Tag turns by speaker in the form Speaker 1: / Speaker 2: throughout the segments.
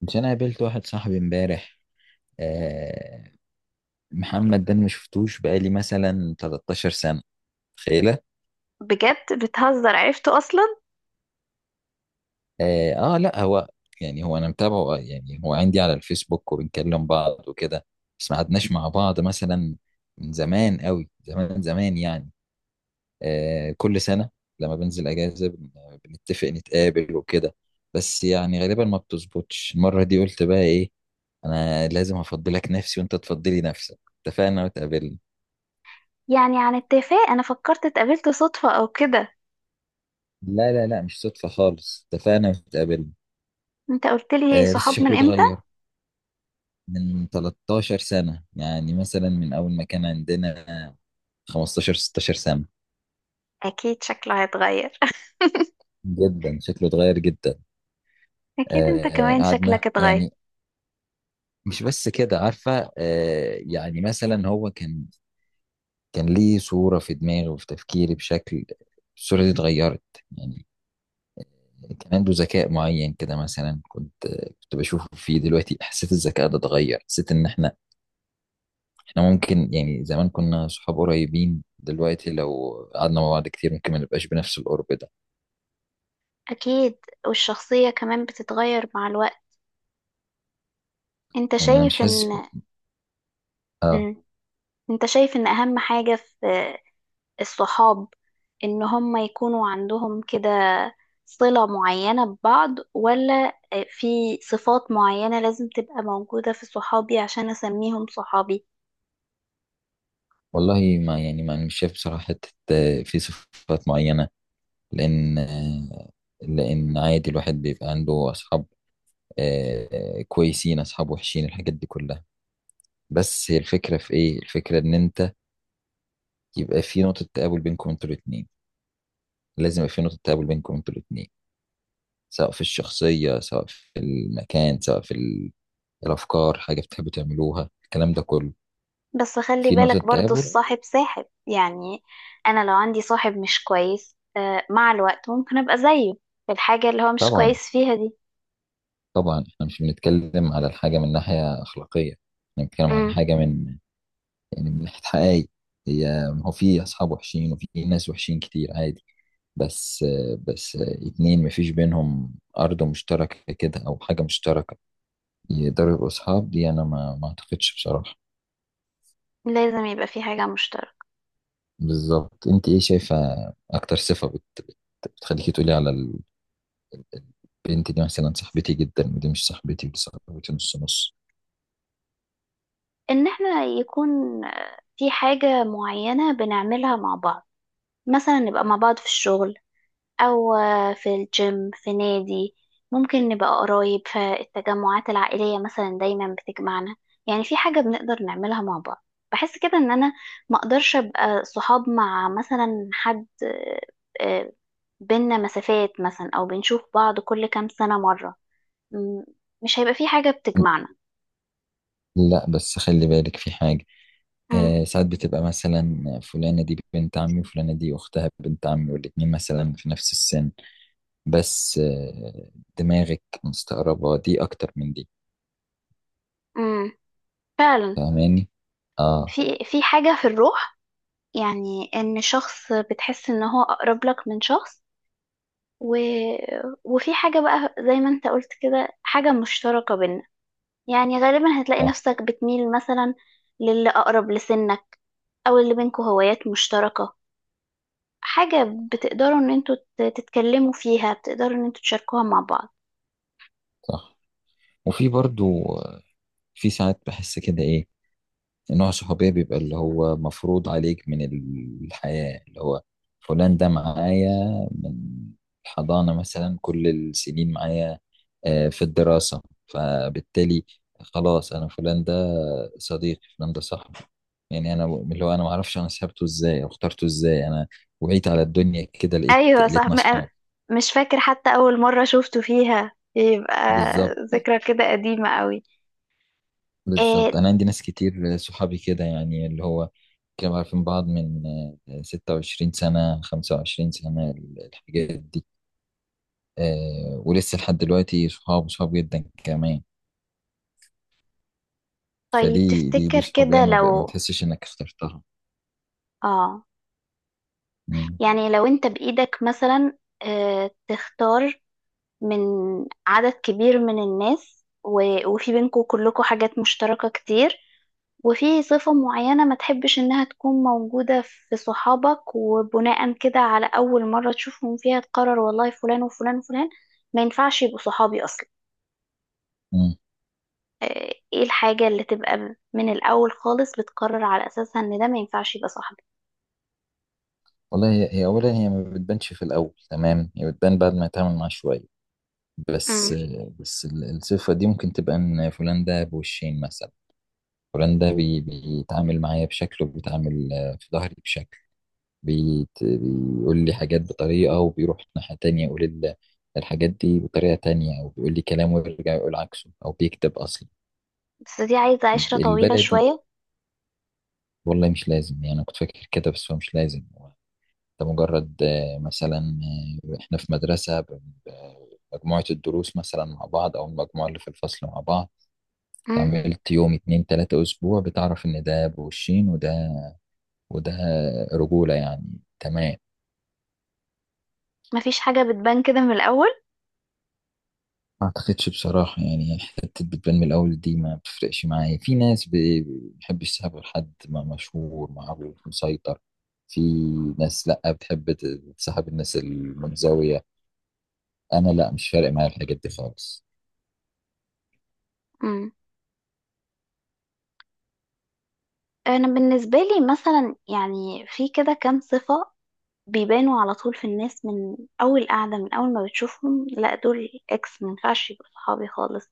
Speaker 1: مش انا قابلت واحد صاحبي امبارح. آه. محمد ده أنا ما شفتوش بقالي مثلا 13 سنة. تخيله.
Speaker 2: بجد بتهزر؟ عرفته اصلا؟
Speaker 1: آه, اه، لا، هو يعني هو انا متابعه، يعني هو عندي على الفيسبوك وبنكلم بعض وكده. بس ما قعدناش مع بعض مثلا من زمان قوي، زمان زمان يعني. آه، كل سنة لما بنزل اجازة بنتفق نتقابل وكده. بس يعني غالبا ما بتظبطش. المرة دي قلت بقى ايه، انا لازم افضلك نفسي وانت تفضلي نفسك. اتفقنا واتقابلنا.
Speaker 2: يعني عن اتفاق، انا فكرت اتقابلت صدفة او كده.
Speaker 1: لا لا لا، مش صدفة خالص، اتفقنا واتقابلنا.
Speaker 2: انت قلت لي
Speaker 1: آه بس
Speaker 2: صحاب من
Speaker 1: شكله
Speaker 2: امتى؟
Speaker 1: اتغير من 13 سنة، يعني مثلا من أول ما كان عندنا 15 16 سنة.
Speaker 2: اكيد شكله هيتغير.
Speaker 1: جدا شكله اتغير جدا.
Speaker 2: اكيد انت
Speaker 1: آه
Speaker 2: كمان
Speaker 1: قعدنا
Speaker 2: شكلك اتغير.
Speaker 1: يعني. مش بس كده، عارفة؟ آه يعني مثلا هو كان ليه صورة في دماغي وفي تفكيري بشكل، الصورة دي اتغيرت يعني. كان عنده ذكاء معين كده، مثلا كنت بشوفه فيه، دلوقتي حسيت الذكاء ده اتغير. حسيت ان احنا ممكن، يعني زمان كنا صحاب قريبين، دلوقتي لو قعدنا مع بعض كتير ممكن ما نبقاش بنفس القرب ده.
Speaker 2: اكيد، والشخصية كمان بتتغير مع الوقت. انت
Speaker 1: يعني انا مش
Speaker 2: شايف
Speaker 1: حاسس.
Speaker 2: ان
Speaker 1: اه.
Speaker 2: مم. انت شايف ان اهم حاجة في الصحاب ان هم يكونوا عندهم كده صلة معينة ببعض، ولا في صفات معينة لازم تبقى موجودة في صحابي عشان اسميهم صحابي؟
Speaker 1: والله ما مش شايف بصراحة حتة، في صفات معينة، لان لان عادي الواحد بيبقى عنده اصحاب كويسين، اصحاب وحشين، الحاجات دي كلها. بس هي الفكرة في ايه؟ الفكرة ان انت يبقى في نقطة تقابل بينكم انتوا الاتنين. لازم يبقى في نقطة تقابل بينكم انتوا الاتنين، سواء في الشخصية، سواء في المكان، سواء في الافكار، حاجه بتحبوا تعملوها، الكلام ده كله.
Speaker 2: بس خلي
Speaker 1: في نقطه
Speaker 2: بالك، برضو
Speaker 1: تقابل.
Speaker 2: الصاحب ساحب يعني. انا لو عندي صاحب مش كويس مع الوقت ممكن ابقى زيه في الحاجة اللي هو مش
Speaker 1: طبعا
Speaker 2: كويس فيها دي.
Speaker 1: طبعا، احنا مش بنتكلم على الحاجه من ناحيه اخلاقيه، احنا بنتكلم على
Speaker 2: امم
Speaker 1: حاجه من يعني من ناحيه حقائق. هي، هو في اصحاب وحشين وفي ناس وحشين كتير عادي، بس بس اتنين مفيش بينهم ارض مشتركه كده او حاجه مشتركه يقدروا يبقوا اصحاب، دي انا ما اعتقدش بصراحه.
Speaker 2: لازم يبقى في حاجة مشتركة.
Speaker 1: بالظبط. انت ايه شايفه اكتر صفه بتخليكي تقولي على البنت دي مثلا صاحبتي جدا، ودي مش صاحبتي، ودي صاحبتي نص نص؟
Speaker 2: ان احنا يكون في حاجة معينة بنعملها مع بعض. مثلا نبقى مع بعض في الشغل، أو في الجيم، في نادي. ممكن نبقى قرايب فالتجمعات العائلية مثلا دايما بتجمعنا. يعني في حاجة بنقدر نعملها مع بعض. بحس كده إن أنا ما أقدرش أبقى صحاب مع مثلا حد آه، بينا مسافات مثلا، أو بنشوف بعض كل كام سنة مرة. م- مش هيبقى في حاجة بتجمعنا.
Speaker 1: لا بس خلي بالك في حاجة.
Speaker 2: م-
Speaker 1: آه ساعات بتبقى مثلا فلانة دي بنت عمي، وفلانة دي أختها بنت عمي، والاتنين مثلا في نفس السن، بس آه دماغك مستقربة دي أكتر من دي.
Speaker 2: م. فعلا.
Speaker 1: فاهماني؟ اه.
Speaker 2: في حاجة في الروح، يعني إن شخص بتحس إن هو أقرب لك من شخص. و... وفي حاجة بقى زي ما انت قلت كده، حاجة مشتركة بينا. يعني غالبا هتلاقي
Speaker 1: صح
Speaker 2: نفسك بتميل مثلا للي أقرب لسنك، أو اللي بينكوا هوايات مشتركة، حاجة بتقدروا ان انتوا تتكلموا فيها، بتقدروا ان انتوا تشاركوها مع بعض.
Speaker 1: صح. وفي برضو في ساعات بحس كده إيه، نوع صحوبية بيبقى اللي هو مفروض عليك من الحياة، اللي هو فلان ده معايا من الحضانة مثلا كل السنين معايا في الدراسة، فبالتالي خلاص أنا فلان ده صديقي، فلان ده صاحبي. يعني أنا، اللي هو أنا معرفش أنا سحبته إزاي أو اخترته إزاي، أنا وعيت على الدنيا كده لقيت
Speaker 2: ايوه صح.
Speaker 1: لقيتنا أصحاب.
Speaker 2: مش فاكر حتى أول مرة شفتوا فيها، يبقى
Speaker 1: بالظبط.
Speaker 2: ذكرى كده قديمة قوي.
Speaker 1: بالظبط
Speaker 2: إيه؟
Speaker 1: انا عندي ناس كتير صحابي كده يعني، اللي هو كانوا عارفين بعض من 26 سنة، 25 سنة، الحاجات دي، ولسه لحد دلوقتي صحاب صحاب جدا كمان.
Speaker 2: طيب
Speaker 1: فدي دي دي
Speaker 2: تفتكر
Speaker 1: صحابية
Speaker 2: كده
Speaker 1: ما
Speaker 2: لو،
Speaker 1: بتحسش انك اخترتها.
Speaker 2: اه
Speaker 1: مم.
Speaker 2: يعني لو انت بإيدك مثلا تختار من عدد كبير من الناس، وفي بينكم كلكم حاجات مشتركة كتير، وفي صفة معينة ما تحبش إنها تكون موجودة في صحابك، وبناء كده على أول مرة تشوفهم فيها تقرر والله فلان وفلان وفلان ما ينفعش يبقوا صحابي أصلا.
Speaker 1: مم.
Speaker 2: آه، إيه الحاجة اللي تبقى من الأول خالص بتقرر على أساسها إن ده ما ينفعش يبقى صاحبي؟
Speaker 1: والله هي، هي اولا هي ما بتبانش في الاول، تمام؟ هي بتبان بعد ما يتعامل معاها شوية. بس
Speaker 2: مم.
Speaker 1: بس الصفة دي ممكن تبقى ان فلان ده بوشين مثلا، فلان ده بيتعامل معايا بشكل وبيتعامل في ظهري بشكل. بيقول لي حاجات بطريقة، وبيروح ناحية تانية يقول الحاجات دي بطريقة تانية، أو بيقول لي كلام ويرجع يقول عكسه، أو بيكتب أصلا
Speaker 2: بس دي عايزة عشرة طويلة
Speaker 1: البلدي.
Speaker 2: شوية.
Speaker 1: والله مش لازم، يعني أنا كنت فاكر كده بس هو مش لازم. هو ده مجرد مثلا إحنا في مدرسة مجموعة الدروس مثلا مع بعض، أو المجموعة اللي في الفصل مع بعض.
Speaker 2: مم.
Speaker 1: اتعاملت يوم اتنين تلاتة أسبوع بتعرف إن ده بالشين وده وده رجولة يعني. تمام.
Speaker 2: مفيش حاجة بتبان كده من الأول.
Speaker 1: ما اعتقدش بصراحة، يعني حتة بتبان من الأول دي ما بتفرقش معايا. في ناس بتحب يسيبها غير حد، ما مشهور، معروف، مسيطر. في ناس لأ، بتحب تسحب الناس المنزوية. أنا لأ، مش فارق معايا الحاجات دي خالص.
Speaker 2: انا بالنسبه لي مثلا، يعني في كده كام صفه بيبانوا على طول في الناس، من اول قعده، من اول ما بتشوفهم، لا دول اكس، ما ينفعش يبقوا صحابي خالص.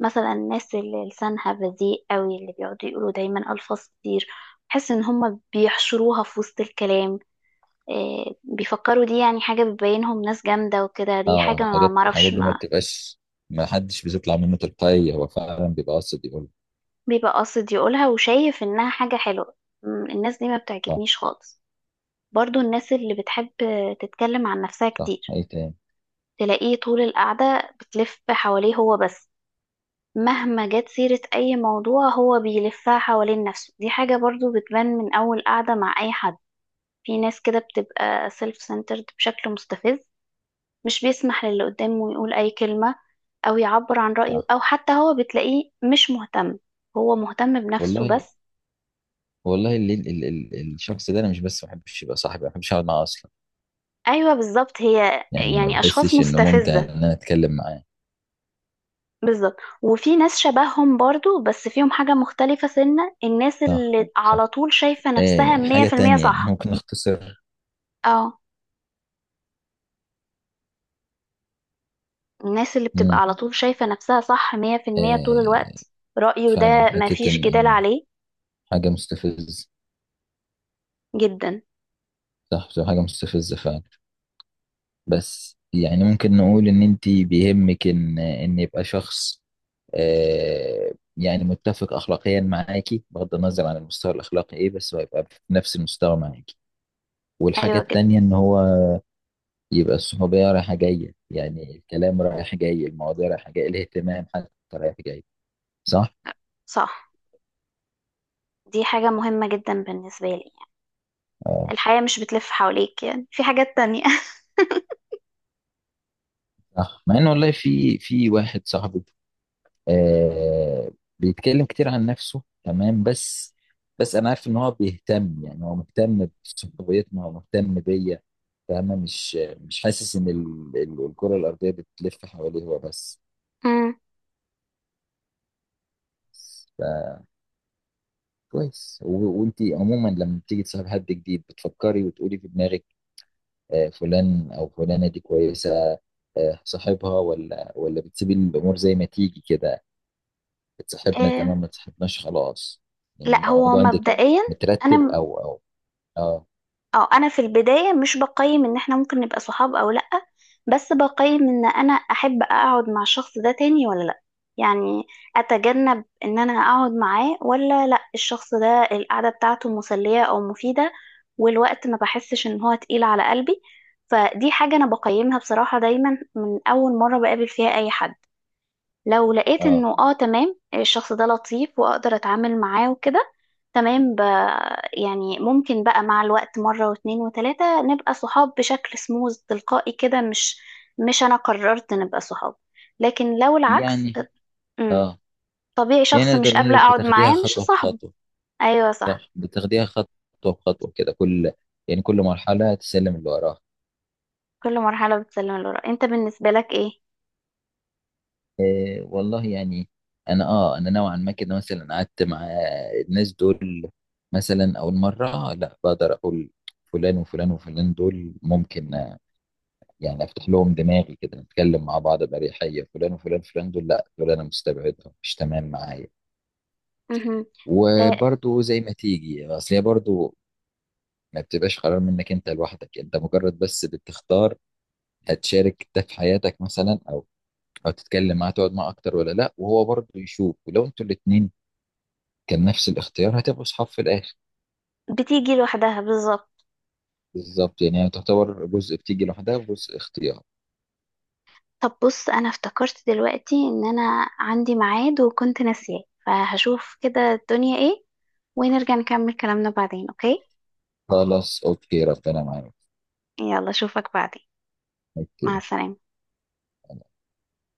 Speaker 2: مثلا الناس اللي لسانها بذيء قوي، اللي بيقعدوا يقولوا دايما الفاظ كتير، بحس ان هم بيحشروها في وسط الكلام. إيه بيفكروا؟ دي يعني حاجه بتبينهم ناس جامده وكده، دي
Speaker 1: اه،
Speaker 2: حاجه ما
Speaker 1: الحاجات
Speaker 2: معرفش،
Speaker 1: الحاجات دي ما
Speaker 2: ما
Speaker 1: بتبقاش. ما حدش بيطلع منه تلقائي، هو فعلا بيبقى قاصد يقول.
Speaker 2: بيبقى قاصد يقولها وشايف انها حاجه حلوه. الناس دي ما
Speaker 1: صح.
Speaker 2: بتعجبنيش خالص. برضو الناس اللي بتحب تتكلم عن نفسها
Speaker 1: صح،
Speaker 2: كتير،
Speaker 1: أي تاني؟
Speaker 2: تلاقيه طول القعدة بتلف حواليه هو بس، مهما جت سيرة أي موضوع هو بيلفها حوالين نفسه، دي حاجة برضو بتبان من أول قعدة مع أي حد. في ناس كده بتبقى سيلف سنترد بشكل مستفز، مش بيسمح للي قدامه يقول أي كلمة، أو يعبر عن رأيه،
Speaker 1: صح.
Speaker 2: أو حتى هو بتلاقيه مش مهتم، هو مهتم بنفسه
Speaker 1: والله.
Speaker 2: بس.
Speaker 1: والله ال ال ال الشخص ده أنا مش بس ما بحبش يبقى صاحبي، ما بحبش أقعد معاه أصلا.
Speaker 2: أيوة بالظبط، هي
Speaker 1: يعني ما
Speaker 2: يعني أشخاص
Speaker 1: بحسش إنه ممتع إن
Speaker 2: مستفزة.
Speaker 1: أنا أتكلم معاه.
Speaker 2: بالظبط. وفي ناس شبههم برضو، بس فيهم حاجة مختلفة، سنة الناس
Speaker 1: صح.
Speaker 2: اللي على
Speaker 1: صح،
Speaker 2: طول شايفة نفسها
Speaker 1: آه
Speaker 2: مية
Speaker 1: حاجة
Speaker 2: في المية
Speaker 1: تانية يعني
Speaker 2: صح.
Speaker 1: ممكن نختصر.
Speaker 2: اه، الناس اللي بتبقى
Speaker 1: مم.
Speaker 2: على طول شايفة نفسها صح مية في المية طول
Speaker 1: آه.
Speaker 2: الوقت، رأيه
Speaker 1: فعلا
Speaker 2: ده
Speaker 1: حتة
Speaker 2: مفيش
Speaker 1: إن
Speaker 2: جدال
Speaker 1: إن
Speaker 2: عليه.
Speaker 1: حاجة مستفزة.
Speaker 2: جدا.
Speaker 1: صح، بتبقى حاجة مستفزة فعلا. بس يعني ممكن نقول إن أنت بيهمك إن يبقى شخص آه يعني متفق أخلاقيا معاكي، بغض النظر عن المستوى الأخلاقي إيه، بس هو يبقى في نفس المستوى معاكي. والحاجة
Speaker 2: أيوة جدا
Speaker 1: التانية إن هو يبقى الصحوبية رايحة جاية، يعني الكلام رايح جاي، المواضيع رايحة جاية، الاهتمام حتى رايح جاي. صح؟
Speaker 2: صح. دي حاجة مهمة جدا بالنسبة لي يعني.
Speaker 1: آه.
Speaker 2: الحياة مش بتلف حواليك، يعني في حاجات تانية.
Speaker 1: صح، مع ان والله في واحد صاحبي آه بيتكلم كتير عن نفسه، تمام؟ بس انا عارف ان هو بيهتم، يعني هو مهتم بصحبيتنا، هو مهتم بيا، فاهمة؟ مش حاسس ان الكرة الارضية بتلف حواليه هو بس.
Speaker 2: أمم.
Speaker 1: فكويس. وانتي عموما لما بتيجي تصاحب حد جديد بتفكري وتقولي في دماغك آه فلان او فلانة دي كويسة، آه صاحبها، ولا بتسيبي الامور زي ما تيجي كده، اتصاحبنا
Speaker 2: إيه.
Speaker 1: تمام، ما اتصاحبناش خلاص؟ يعني
Speaker 2: لا، هو
Speaker 1: الموضوع عندك
Speaker 2: مبدئيا
Speaker 1: مترتب،
Speaker 2: أنا
Speaker 1: او او اه
Speaker 2: اه انا في البدايه مش بقيم ان احنا ممكن نبقى صحاب او لا، بس بقيم ان انا احب اقعد مع الشخص ده تاني ولا لا. يعني اتجنب ان انا اقعد معاه ولا لا، الشخص ده القعده بتاعته مسليه او مفيده، والوقت ما بحسش ان هو تقيل على قلبي. فدي حاجه انا بقيمها بصراحه دايما من اول مره بقابل فيها اي حد. لو لقيت
Speaker 1: اه
Speaker 2: انه تمام، الشخص ده لطيف واقدر اتعامل معاه وكده، تمام. يعني ممكن بقى مع الوقت، مرة واتنين وتلاتة نبقى صحاب بشكل سموز تلقائي كده، مش انا قررت نبقى صحاب، لكن لو العكس.
Speaker 1: يعني
Speaker 2: امم
Speaker 1: اه
Speaker 2: طبيعي
Speaker 1: يعني
Speaker 2: شخص مش
Speaker 1: نقدر نقول
Speaker 2: قابلة
Speaker 1: لك
Speaker 2: اقعد
Speaker 1: بتاخديها
Speaker 2: معاه مش
Speaker 1: خطوة
Speaker 2: صاحبه.
Speaker 1: بخطوة.
Speaker 2: ايوه صح.
Speaker 1: صح. بتاخديها خطوة بخطوة كده، كل، يعني كل مرحلة تسلم اللي وراها.
Speaker 2: كل مرحلة بتسلم لورا. انت بالنسبة لك ايه؟
Speaker 1: إيه والله، يعني انا اه، انا نوعا ما كده مثلا قعدت مع الناس دول، مثلا اول مرة لا، بقدر اقول فلان وفلان وفلان دول ممكن يعني افتح لهم دماغي كده نتكلم مع بعض باريحيه، فلان وفلان فلان دول لا، دول انا مستبعدهم مش تمام معايا.
Speaker 2: مهم. آه،
Speaker 1: وبرضو زي ما تيجي، اصل هي برضو ما بتبقاش قرار منك انت لوحدك، انت مجرد بس بتختار هتشارك ده في حياتك مثلا او تتكلم معاه تقعد معاه اكتر ولا لا، وهو برضو يشوف، ولو انتوا الاتنين كان نفس الاختيار هتبقوا اصحاب في الاخر.
Speaker 2: بتيجي لوحدها بالظبط.
Speaker 1: بالظبط. يعني هي تعتبر جزء بتيجي لوحدها وجزء اختيار.
Speaker 2: طب بص، انا افتكرت دلوقتي ان انا عندي ميعاد وكنت ناسياه، فهشوف كده الدنيا ايه، ونرجع نكمل كلامنا بعدين، اوكي؟
Speaker 1: خلاص، اوكي، ربنا معاك.
Speaker 2: يلا اشوفك بعدين.
Speaker 1: اوكي.
Speaker 2: مع السلامة.